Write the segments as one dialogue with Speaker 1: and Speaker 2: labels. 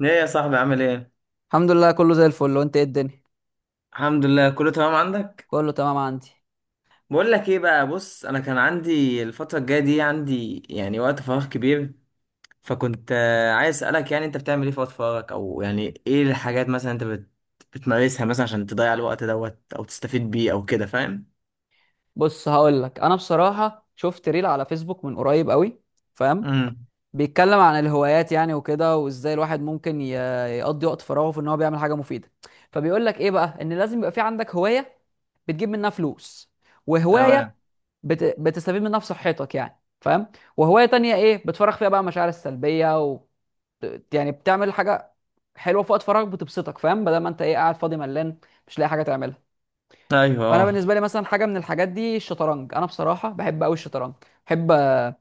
Speaker 1: ايه يا صاحبي، عامل ايه؟
Speaker 2: الحمد لله كله زي الفل. وانت ايه الدنيا؟
Speaker 1: الحمد لله كله تمام عندك.
Speaker 2: كله تمام عندي.
Speaker 1: بقول لك ايه بقى. بص، انا كان عندي الفتره الجايه دي عندي، يعني، وقت فراغ كبير. فكنت عايز اسالك، يعني، انت بتعمل ايه في وقت فراغك؟ او، يعني، ايه الحاجات مثلا انت بتمارسها مثلا عشان تضيع الوقت دوت، او تستفيد بيه، او كده، فاهم؟
Speaker 2: بص هقول لك، انا بصراحه شفت ريل على فيسبوك من قريب قوي، فاهم؟
Speaker 1: امم
Speaker 2: بيتكلم عن الهوايات يعني وكده، وازاي الواحد ممكن يقضي وقت فراغه في ان هو بيعمل حاجه مفيده. فبيقول لك ايه بقى، ان لازم يبقى في عندك هوايه بتجيب منها فلوس، وهوايه
Speaker 1: تمام.
Speaker 2: بتستفيد منها في صحتك يعني، فاهم؟ وهوايه تانية ايه، بتفرغ فيها بقى مشاعر السلبيه يعني بتعمل حاجه حلوه في وقت فراغك بتبسطك، فاهم؟ بدل ما انت ايه، قاعد فاضي ملان مش لاقي حاجه تعملها.
Speaker 1: ايوه،
Speaker 2: فانا
Speaker 1: اه.
Speaker 2: بالنسبه لي مثلا، حاجه من الحاجات دي الشطرنج. انا بصراحه بحب قوي الشطرنج، بحب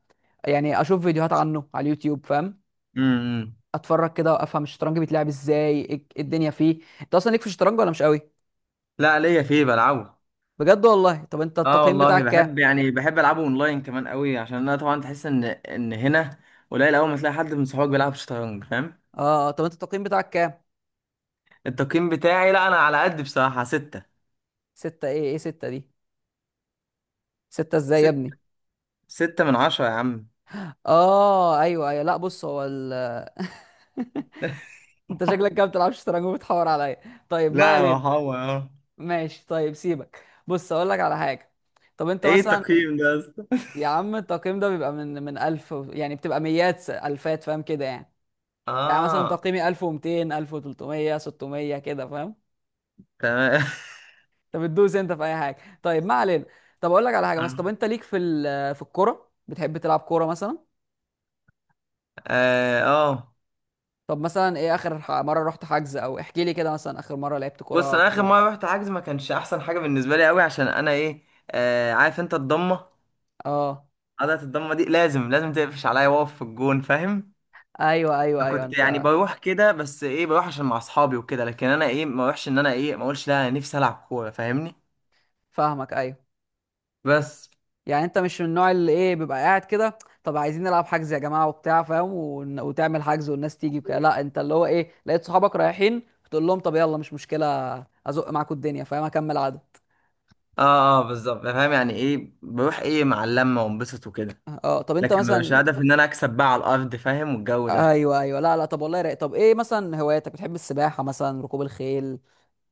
Speaker 2: يعني اشوف فيديوهات عنه على اليوتيوب، فاهم؟
Speaker 1: امم
Speaker 2: اتفرج كده وافهم الشطرنج بيتلعب ازاي. إيه؟ إيه الدنيا فيه؟ انت اصلا ليك في الشطرنج ولا مش قوي؟
Speaker 1: لا، ليا فيه، بلعبه.
Speaker 2: بجد والله؟ طب انت
Speaker 1: اه
Speaker 2: التقييم
Speaker 1: والله
Speaker 2: بتاعك كام؟
Speaker 1: بحب، يعني بحب العبه اونلاين كمان قوي، عشان انا طبعا تحس ان هنا قليل. اول ما تلاقي حد من صحابك بيلعب شطرنج، فاهم؟
Speaker 2: اه، طب انت التقييم بتاعك كام؟
Speaker 1: التقييم بتاعي، لا انا على قد بصراحة ستة.
Speaker 2: ستة؟ ايه ايه ستة دي؟ ستة ازاي يا
Speaker 1: ستة.
Speaker 2: ابني؟
Speaker 1: 6/10 يا عم.
Speaker 2: اه ايوه ايوه، لا بص، هو ال انت شكلك كده بتلعبش شطرنج وبتحور عليا. طيب ما
Speaker 1: لا يا
Speaker 2: علينا.
Speaker 1: محمد. اه.
Speaker 2: ماشي طيب سيبك، بص اقول لك على حاجه. طب انت
Speaker 1: ايه
Speaker 2: مثلا،
Speaker 1: التقييم ده يا اسطى؟
Speaker 2: يا عم التقييم ده بيبقى من 1000 يعني بتبقى ميات الفات، فاهم كده يعني؟ يعني مثلا
Speaker 1: اه،
Speaker 2: تقييمي 1200، 1300، 600 كده، فاهم؟
Speaker 1: تمام.
Speaker 2: انت بتدوس انت في اي حاجه. طيب ما علينا. طب اقول لك على حاجه مثلا، طب انت ليك في في الكوره؟ بتحب تلعب كوره مثلا؟
Speaker 1: اه، آه.
Speaker 2: طب مثلا ايه اخر مره رحت حجز؟ او احكي لي كده مثلا، اخر مره لعبت
Speaker 1: بص،
Speaker 2: كوره
Speaker 1: انا
Speaker 2: كان ايه
Speaker 1: اخر
Speaker 2: الدنيا؟
Speaker 1: مرة رحت حجز ما كانش احسن حاجة بالنسبة لي قوي، عشان انا، ايه، آه، عارف انت الضمة؟
Speaker 2: اه
Speaker 1: عضلة الضمة دي، لازم تقفش عليا واقف في الجون، فاهم؟
Speaker 2: ايوه ايوه
Speaker 1: انا
Speaker 2: ايوه،
Speaker 1: كنت يعني
Speaker 2: انت
Speaker 1: بروح كده، بس ايه، بروح عشان مع اصحابي وكده، لكن انا، ايه، ما اروحش ان انا، ايه، ما اقولش لا، انا نفسي العب كورة، فاهمني.
Speaker 2: فاهمك ايوه.
Speaker 1: بس.
Speaker 2: يعني انت مش من النوع اللي ايه، بيبقى قاعد كده، طب عايزين نلعب حجز يا جماعه وبتاع، فاهم؟ وتعمل حجز والناس تيجي وكده. لا انت اللي هو ايه، لقيت صحابك رايحين تقول لهم طب يلا مش مشكله، ازق معاكم الدنيا، فاهم؟ اكمل عدد.
Speaker 1: اه اه، بالظبط، فاهم. يعني ايه، بروح، ايه، مع اللمه وانبسط وكده،
Speaker 2: اه طب انت
Speaker 1: لكن مبقاش
Speaker 2: مثلا،
Speaker 1: هدف ان انا اكسب بقى على الارض، فاهم، والجو ده.
Speaker 2: ايوه ايوه، لا لا طب، والله رايق. طب ايه مثلا هواياتك؟ بتحب السباحه مثلا، ركوب الخيل،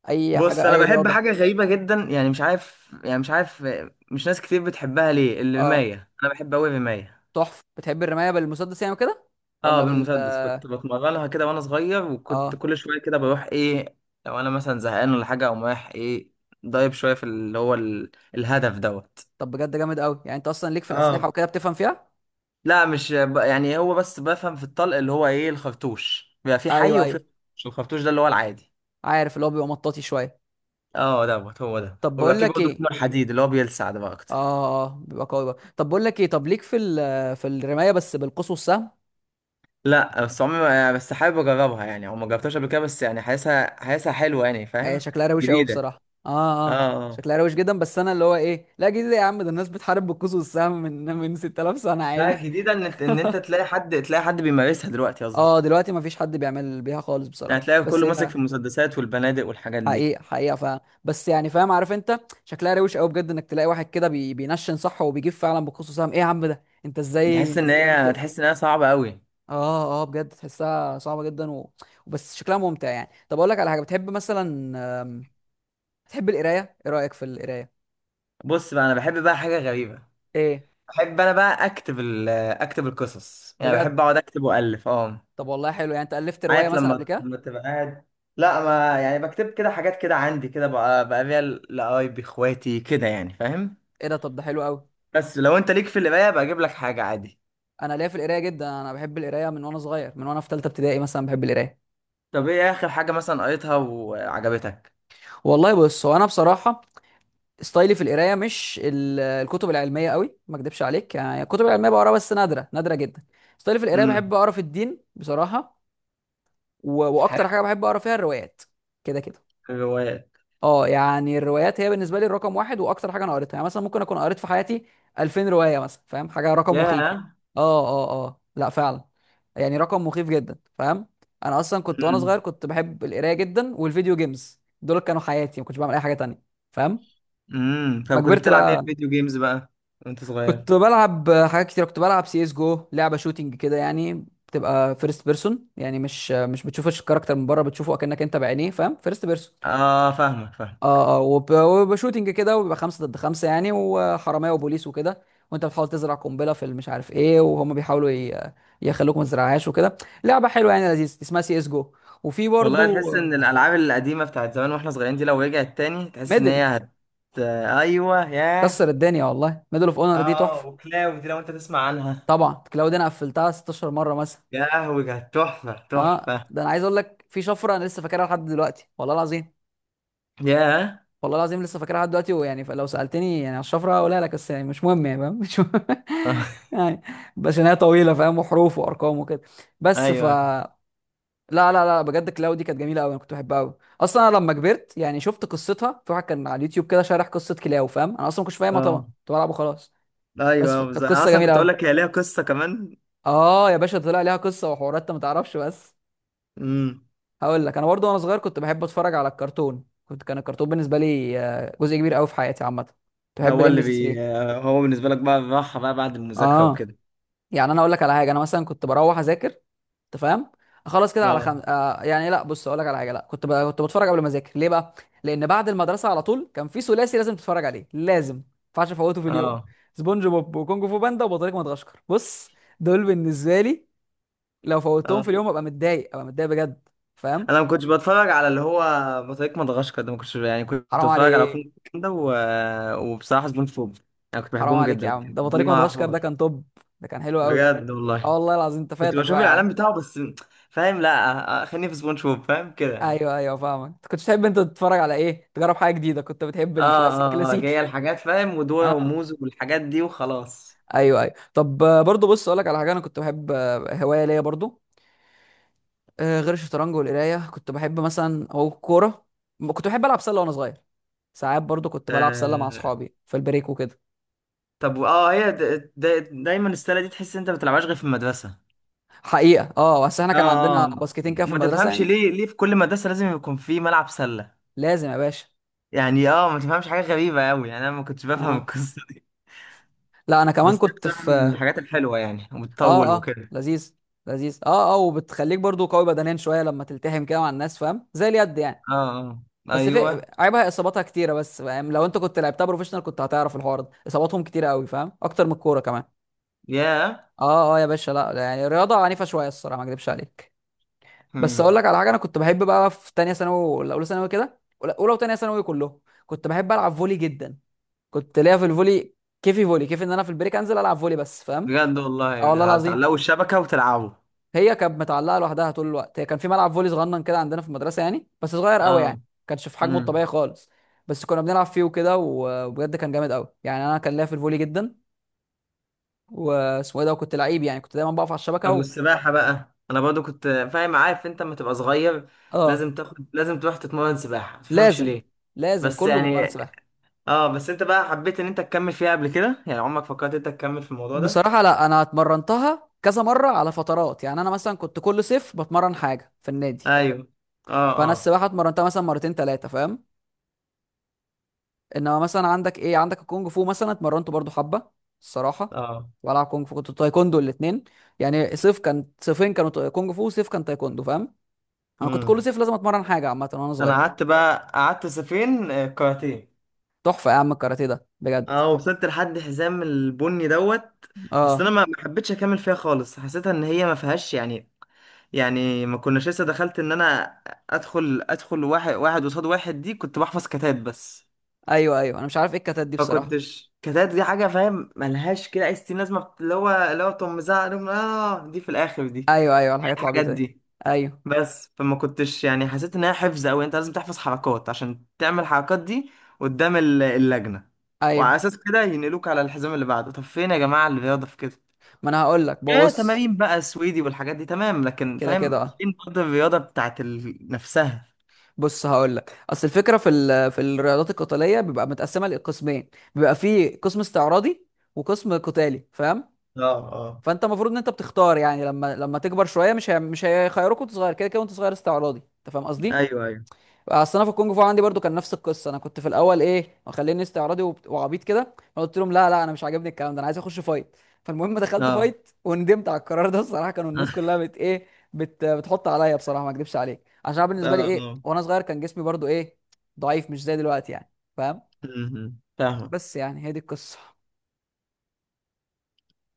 Speaker 2: اي
Speaker 1: بص،
Speaker 2: حاجه،
Speaker 1: انا
Speaker 2: اي
Speaker 1: بحب
Speaker 2: رياضه؟
Speaker 1: حاجه غريبه جدا، يعني مش عارف، مش ناس كتير بتحبها، ليه؟
Speaker 2: اه،
Speaker 1: الرمايه. انا بحب قوي الرمايه.
Speaker 2: تحفه. بتحب الرمايه بالمسدس يعني وكده،
Speaker 1: اه.
Speaker 2: ولا بال؟
Speaker 1: بالمسدس، كنت بتمرنها كده وانا صغير، وكنت
Speaker 2: اه،
Speaker 1: كل شويه كده بروح، ايه، لو انا مثلا زهقان ولا حاجه، اقوم رايح، ايه، ضايب شويه في اللي هو الهدف دوت.
Speaker 2: طب بجد جامد قوي. يعني انت اصلا ليك في الاسلحه
Speaker 1: اه.
Speaker 2: وكده، بتفهم فيها؟
Speaker 1: لا، مش يعني هو بس بفهم في الطلق، اللي هو، ايه، الخرطوش بيبقى في حي،
Speaker 2: ايوه
Speaker 1: وفي
Speaker 2: ايوه،
Speaker 1: خرطوش، الخرطوش ده اللي هو العادي.
Speaker 2: عارف اللي هو بيبقى مطاطي شويه.
Speaker 1: اه، دوت هو ده،
Speaker 2: طب
Speaker 1: وبيبقى
Speaker 2: بقول
Speaker 1: في
Speaker 2: لك
Speaker 1: برضه
Speaker 2: ايه،
Speaker 1: منه الحديد، اللي هو بيلسع ده بقى
Speaker 2: اه،
Speaker 1: اكتر.
Speaker 2: بيبقى قوي بقى. طب بقول لك ايه، طب ليك في في الرمايه بس بالقوس والسهم؟
Speaker 1: لا، بس عمري يعني بس حابب اجربها، يعني، او ما جربتهاش قبل كده، بس يعني حاسسها، حلوه، يعني،
Speaker 2: ايه
Speaker 1: فاهم.
Speaker 2: شكلها روش قوي
Speaker 1: جديده.
Speaker 2: بصراحه، اه
Speaker 1: اه
Speaker 2: اه.
Speaker 1: اه.
Speaker 2: شكلها روش جدا، بس انا اللي هو ايه، لا جديد يا عم، ده الناس بتحارب بالقوس والسهم من 6000 سنه
Speaker 1: لا،
Speaker 2: عادي.
Speaker 1: الجديده ان انت تلاقي حد، بيمارسها دلوقتي، قصدي.
Speaker 2: اه دلوقتي مفيش حد بيعمل بيها خالص
Speaker 1: يعني
Speaker 2: بصراحه،
Speaker 1: تلاقي
Speaker 2: بس
Speaker 1: كله ماسك
Speaker 2: هي
Speaker 1: في المسدسات والبنادق والحاجات دي.
Speaker 2: حقيقه حقيقه، فاهم؟ بس يعني، فاهم؟ عارف انت شكلها روش قوي بجد، انك تلاقي واحد كده بينشن صح وبيجيب فعلا بالقوس والسهم؟ ايه يا عم ده، انت ازاي،
Speaker 1: تحس
Speaker 2: انت
Speaker 1: ان
Speaker 2: ازاي جامد
Speaker 1: هي،
Speaker 2: كده؟
Speaker 1: صعبه قوي.
Speaker 2: اه اه، بجد تحسها صعبة جدا وبس شكلها ممتع يعني. طب اقول لك على حاجة، بتحب مثلا، آم، بتحب القراية؟ ايه رأيك في القراية؟
Speaker 1: بص بقى، انا بحب بقى حاجه غريبه.
Speaker 2: ايه؟
Speaker 1: بحب انا بقى اكتب ال اكتب القصص، يعني
Speaker 2: بجد؟
Speaker 1: بحب اقعد اكتب والف. اه،
Speaker 2: طب والله حلو. يعني انت ألفت رواية
Speaker 1: عارف
Speaker 2: مثلا قبل
Speaker 1: لما،
Speaker 2: كده؟
Speaker 1: تبقى قاعد. لا، ما يعني بكتب كده حاجات كده عندي كده، بقى بيها لقرايبي، اخواتي كده، يعني، فاهم؟
Speaker 2: ايه ده؟ طب ده حلو قوي.
Speaker 1: بس لو انت ليك في القرايه بقى، اجيب لك حاجه عادي.
Speaker 2: انا ليا في القراية جدا، انا بحب القراية من وانا صغير، من وانا في ثالثة ابتدائي مثلا بحب القراية.
Speaker 1: طب ايه اخر حاجه مثلا قريتها وعجبتك؟
Speaker 2: والله بص، هو انا بصراحة ستايلي في القراية مش الكتب العلمية قوي، ما اكدبش عليك، يعني الكتب العلمية بقراها بس نادرة نادرة جدا. ستايلي في القراية بحب
Speaker 1: امم
Speaker 2: اقرا في الدين بصراحة،
Speaker 1: حاجه.
Speaker 2: واكتر حاجة بحب اقرا فيها الروايات. كده كده
Speaker 1: في الروايات.
Speaker 2: اه، يعني الروايات هي بالنسبه لي الرقم واحد. واكتر حاجه انا قريتها، يعني مثلا ممكن اكون قريت في حياتي 2000 روايه مثلا، فاهم؟ حاجه رقم مخيف يعني.
Speaker 1: ياه.
Speaker 2: اه اه اه، لا فعلا يعني رقم مخيف جدا، فاهم؟ انا اصلا كنت وانا صغير
Speaker 1: امم
Speaker 2: كنت بحب القرايه جدا، والفيديو جيمز دول كانوا حياتي، ما كنتش بعمل اي حاجه تانية، فاهم؟ ما
Speaker 1: طب كنت
Speaker 2: كبرت
Speaker 1: بتلعب ايه في
Speaker 2: بقى،
Speaker 1: فيديو جيمز بقى وانت صغير؟
Speaker 2: كنت بلعب حاجات كتير. كنت بلعب سي اس جو، لعبه شوتينج كده يعني، بتبقى فيرست بيرسون، يعني مش بتشوفش الكاركتر من بره، بتشوفه اكنك انت بعينيه، فاهم؟ فيرست بيرسون.
Speaker 1: اه، فاهمك فاهمك.
Speaker 2: اه اه، وبيبقى شوتنج كده، وبيبقى خمسة ضد خمسة يعني، وحرامية وبوليس وكده، وانت بتحاول تزرع قنبلة في مش عارف ايه، وهم بيحاولوا يخلوك ما تزرعهاش وكده. لعبة حلوة يعني، لذيذة، اسمها سي اس جو. وفي
Speaker 1: والله
Speaker 2: برضو
Speaker 1: تحس ان الالعاب القديمه بتاعت زمان واحنا صغيرين دي، لو رجعت تاني تحس ان هي
Speaker 2: ميدل،
Speaker 1: هت. ايوه، ياه.
Speaker 2: كسر الدنيا والله، ميدل اوف اونر دي
Speaker 1: اه،
Speaker 2: تحفة.
Speaker 1: وكلاو دي، لو انت تسمع عنها.
Speaker 2: طبعا لو دي انا قفلتها 16 مرة مثلا.
Speaker 1: يا لهوي، كانت تحفه
Speaker 2: اه
Speaker 1: تحفه.
Speaker 2: ده انا عايز اقول لك، في شفرة انا لسه فاكرها لحد دلوقتي والله العظيم،
Speaker 1: ياه.
Speaker 2: والله العظيم لسه فاكرها لحد دلوقتي. ويعني فلو سالتني يعني على الشفره هقولها لك، بس يعني مش مهم يعني، فاهم؟ مش مهم.
Speaker 1: آه،
Speaker 2: يعني بس إن هي طويله، فاهم؟ وحروف وارقام وكده، بس ف
Speaker 1: ايوه.
Speaker 2: لا لا لا، بجد كلاو دي كانت جميله قوي، انا كنت بحبها قوي. اصلا انا لما كبرت يعني شفت قصتها في واحد كان على اليوتيوب كده شارح قصه كلاو، فاهم؟ انا اصلا ما كنتش فاهمها طبعا،
Speaker 1: اه،
Speaker 2: كنت بلعبه خلاص.
Speaker 1: ايوه،
Speaker 2: كانت
Speaker 1: انا
Speaker 2: قصه
Speaker 1: اصلا
Speaker 2: جميله
Speaker 1: كنت اقول
Speaker 2: قوي.
Speaker 1: لك هي ليها قصه كمان.
Speaker 2: اه يا باشا، طلع ليها قصه وحوارات انت ما تعرفش. بس
Speaker 1: امم
Speaker 2: هقول لك انا برضو، وانا صغير كنت بحب اتفرج على الكرتون. كنت، كان الكرتون بالنسبه لي جزء كبير قوي في حياتي عامه. كنت
Speaker 1: ده
Speaker 2: بحب
Speaker 1: هو
Speaker 2: الام
Speaker 1: اللي
Speaker 2: بي سي
Speaker 1: بي،
Speaker 2: 3.
Speaker 1: هو بالنسبه لك بقى الراحه بقى بعد المذاكره
Speaker 2: اه
Speaker 1: وكده.
Speaker 2: يعني انا اقول لك على حاجه، انا مثلا كنت بروح اذاكر، انت فاهم، اخلص كده على
Speaker 1: اه،
Speaker 2: خم... آه يعني لا بص اقول لك على حاجه، لا كنت كنت بتفرج قبل ما اذاكر. ليه بقى؟ لان بعد المدرسه على طول كان في ثلاثي لازم تتفرج عليه، لازم ما ينفعش افوته في اليوم:
Speaker 1: اه،
Speaker 2: سبونج بوب، وكونج فو باندا، وبطريق مدغشقر. بص دول بالنسبه لي، لو فوتهم
Speaker 1: آه.
Speaker 2: في اليوم ابقى متضايق، ابقى متضايق بجد، فاهم؟
Speaker 1: انا ما كنتش بتفرج على اللي هو بطريق مدغشقر ده، ما كنتش يعني، كنت
Speaker 2: حرام
Speaker 1: بتفرج على
Speaker 2: عليك،
Speaker 1: افلام ده وبصراحه سبونج بوب، انا كنت
Speaker 2: حرام
Speaker 1: بحبهم
Speaker 2: عليك
Speaker 1: جدا،
Speaker 2: يا عم،
Speaker 1: لكن
Speaker 2: ده
Speaker 1: دي
Speaker 2: بطريق
Speaker 1: ما
Speaker 2: مدغشقر ده
Speaker 1: اعرفهاش.
Speaker 2: كان توب، ده كان حلو قوي.
Speaker 1: بجد
Speaker 2: اه
Speaker 1: والله.
Speaker 2: والله العظيم، انت
Speaker 1: كنت
Speaker 2: فاتك
Speaker 1: بشوف
Speaker 2: بقى يا عم.
Speaker 1: الاعلان بتاعه بس، فاهم؟ لا، خليني في سبونج بوب، فاهم كده، يعني.
Speaker 2: ايوه ايوه فاهمك، انت كنت بتحب انت تتفرج على ايه، تجرب حاجه جديده، كنت بتحب
Speaker 1: اه
Speaker 2: الكلاسيك،
Speaker 1: اه اه، هي
Speaker 2: كلاسيكي.
Speaker 1: الحاجات، فاهم، ودورة
Speaker 2: اه
Speaker 1: وموز والحاجات دي وخلاص.
Speaker 2: ايوه ايوه. طب برضو بص اقول لك على حاجه، انا كنت بحب هوايه ليا برضو، غير الشطرنج والقرايه، كنت بحب مثلا او كوره. كنت بحب العب سله وانا صغير. ساعات برضو كنت بلعب سله مع
Speaker 1: آه.
Speaker 2: اصحابي في البريك وكده.
Speaker 1: طب، اه، هي دايما السله دي تحس إن انت ما بتلعبهاش غير في المدرسه.
Speaker 2: حقيقه اه، بس احنا كان
Speaker 1: اه
Speaker 2: عندنا
Speaker 1: اه.
Speaker 2: باسكتين كده في
Speaker 1: ما
Speaker 2: المدرسه
Speaker 1: تفهمش
Speaker 2: يعني.
Speaker 1: ليه، في كل مدرسه لازم يكون في ملعب سله؟
Speaker 2: لازم يا باشا.
Speaker 1: يعني، اه، ما تفهمش، حاجة غريبة قوي، يعني انا ما كنتش بفهم
Speaker 2: اه
Speaker 1: القصة دي.
Speaker 2: لا انا كمان
Speaker 1: بس دي
Speaker 2: كنت
Speaker 1: اكتر من
Speaker 2: في،
Speaker 1: الحاجات الحلوة، يعني، وبتطول
Speaker 2: اه اه
Speaker 1: وكده.
Speaker 2: لذيذ، لذيذ اه اه. وبتخليك برضو قوي بدنيا شويه، لما تلتحم كده مع الناس، فاهم؟ زي اليد يعني.
Speaker 1: اه اه،
Speaker 2: بس في
Speaker 1: ايوه،
Speaker 2: عيبها، اصاباتها كتيره بس، فاهم؟ لو انت كنت لعبتها بروفيشنال كنت هتعرف الحوار ده، اصاباتهم كتيره قوي، فاهم؟ اكتر من الكوره كمان.
Speaker 1: يا
Speaker 2: اه اه يا باشا، لا لا، يعني رياضه عنيفه شويه الصراحه، ما اكذبش عليك. بس اقول
Speaker 1: مم.
Speaker 2: لك على حاجه، انا كنت بحب بقى، في تانية ثانوي ولا اولى ثانوي كده، ولا اولى وتانية ثانوي كلهم، كنت بحب العب فولي جدا. كنت ليا في الفولي، كيفي فولي كيف، ان انا في البريك انزل العب فولي بس، فاهم؟
Speaker 1: بجد والله.
Speaker 2: اه والله العظيم.
Speaker 1: بتعلقوا الشبكة وتلعبوا؟
Speaker 2: هي كانت متعلقه لوحدها طول الوقت. هي كان في ملعب فولي صغنن كده عندنا في المدرسه يعني، بس صغير قوي يعني،
Speaker 1: اه.
Speaker 2: ما كانش في حجمه
Speaker 1: امم
Speaker 2: الطبيعي خالص. بس كنا بنلعب فيه وكده، وبجد كان جامد قوي يعني، انا كان ليا في الفولي جدا، واسمه ايه ده. وكنت لعيب يعني، كنت دايما بقف على الشبكه
Speaker 1: طب والسباحة بقى، انا برضو كنت، فاهم، عارف انت لما تبقى صغير
Speaker 2: اه
Speaker 1: لازم تاخد، لازم تروح تتمرن سباحة، ما تفهمش
Speaker 2: لازم،
Speaker 1: ليه.
Speaker 2: لازم
Speaker 1: بس
Speaker 2: كله بيتمرن
Speaker 1: يعني.
Speaker 2: سباحه.
Speaker 1: اه، بس انت بقى حبيت ان انت تكمل فيها قبل كده؟ يعني عمرك فكرت انت تكمل في الموضوع ده؟
Speaker 2: بصراحه لا، انا اتمرنتها كذا مره على فترات، يعني انا مثلا كنت كل صيف بتمرن حاجه في النادي.
Speaker 1: ايوه. اه
Speaker 2: فانا
Speaker 1: اه
Speaker 2: السباحه اتمرنتها مثلا مرتين ثلاثه، فاهم؟ انما مثلا عندك ايه، عندك الكونج فو مثلا اتمرنت برضو حبه الصراحه،
Speaker 1: اه.
Speaker 2: والعب كونج فو، كنت تايكوندو الاثنين. يعني صيف كان، صيفين كانوا كونج فو، وصيف كان تايكوندو، فاهم؟ انا كنت
Speaker 1: مم.
Speaker 2: كل صيف لازم اتمرن حاجه عامه وانا
Speaker 1: ده انا
Speaker 2: صغير.
Speaker 1: قعدت بقى، صيفين كاراتيه.
Speaker 2: تحفه يا عم الكاراتيه ده بجد.
Speaker 1: اه، وصلت لحد حزام البني دوت. بس انا
Speaker 2: اه
Speaker 1: ما حبيتش اكمل فيها خالص، حسيتها ان هي ما فيهاش، يعني، يعني، ما كناش لسه دخلت ان انا ادخل، واحد واحد قصاد واحد دي، كنت بحفظ كتات بس.
Speaker 2: ايوه ايوه، انا مش عارف ايه الكتات دي
Speaker 1: ما
Speaker 2: بصراحه.
Speaker 1: كنتش، كتات دي حاجه، فاهم، ملهاش كده اي ستين لازمه، اللي هو تقوم مزعق لهم، اه، دي في الاخر دي.
Speaker 2: ايوه ايوه الحاجات
Speaker 1: الحاجات
Speaker 2: العبيطه دي،
Speaker 1: دي.
Speaker 2: ايوه
Speaker 1: بس فما كنتش يعني حسيت انها حفظ قوي، انت لازم تحفظ حركات عشان تعمل الحركات دي قدام اللجنة، وعلى
Speaker 2: ايوه.
Speaker 1: اساس كده ينقلوك على الحزام اللي بعده. طب فين يا جماعة الرياضة في كده؟
Speaker 2: ما انا هقول لك
Speaker 1: ايه،
Speaker 2: بص،
Speaker 1: تمارين بقى سويدي والحاجات دي تمام، لكن
Speaker 2: كده كده
Speaker 1: فاهم
Speaker 2: اه.
Speaker 1: فين برضه الرياضة بتاعت نفسها.
Speaker 2: بص هقول لك، اصل الفكره في في الرياضات القتاليه بيبقى متقسمه لقسمين: بيبقى في قسم استعراضي، وقسم قتالي، فاهم؟
Speaker 1: اه اه،
Speaker 2: فانت المفروض ان انت بتختار يعني، لما تكبر شويه. مش مش هيخيروك وانت صغير كده كده وانت صغير استعراضي، انت فاهم قصدي؟
Speaker 1: ايوه ايوه،
Speaker 2: اصل انا في الكونج فو عندي برضو كان نفس القصه، انا كنت في الاول ايه، مخليني استعراضي وعبيط كده، فقلت لهم لا لا انا مش عاجبني الكلام ده، انا عايز اخش فايت. فالمهم دخلت
Speaker 1: اه.
Speaker 2: فايت وندمت على القرار ده الصراحه، كانوا الناس كلها بتحط عليا بصراحه، ما اكدبش عليك، عشان أنا
Speaker 1: اه
Speaker 2: بالنسبه لي ايه،
Speaker 1: اه.
Speaker 2: وانا صغير كان جسمي برضو ايه، ضعيف، مش زي دلوقتي يعني، فاهم؟
Speaker 1: م- م. فاهمك.
Speaker 2: بس يعني هي دي القصه.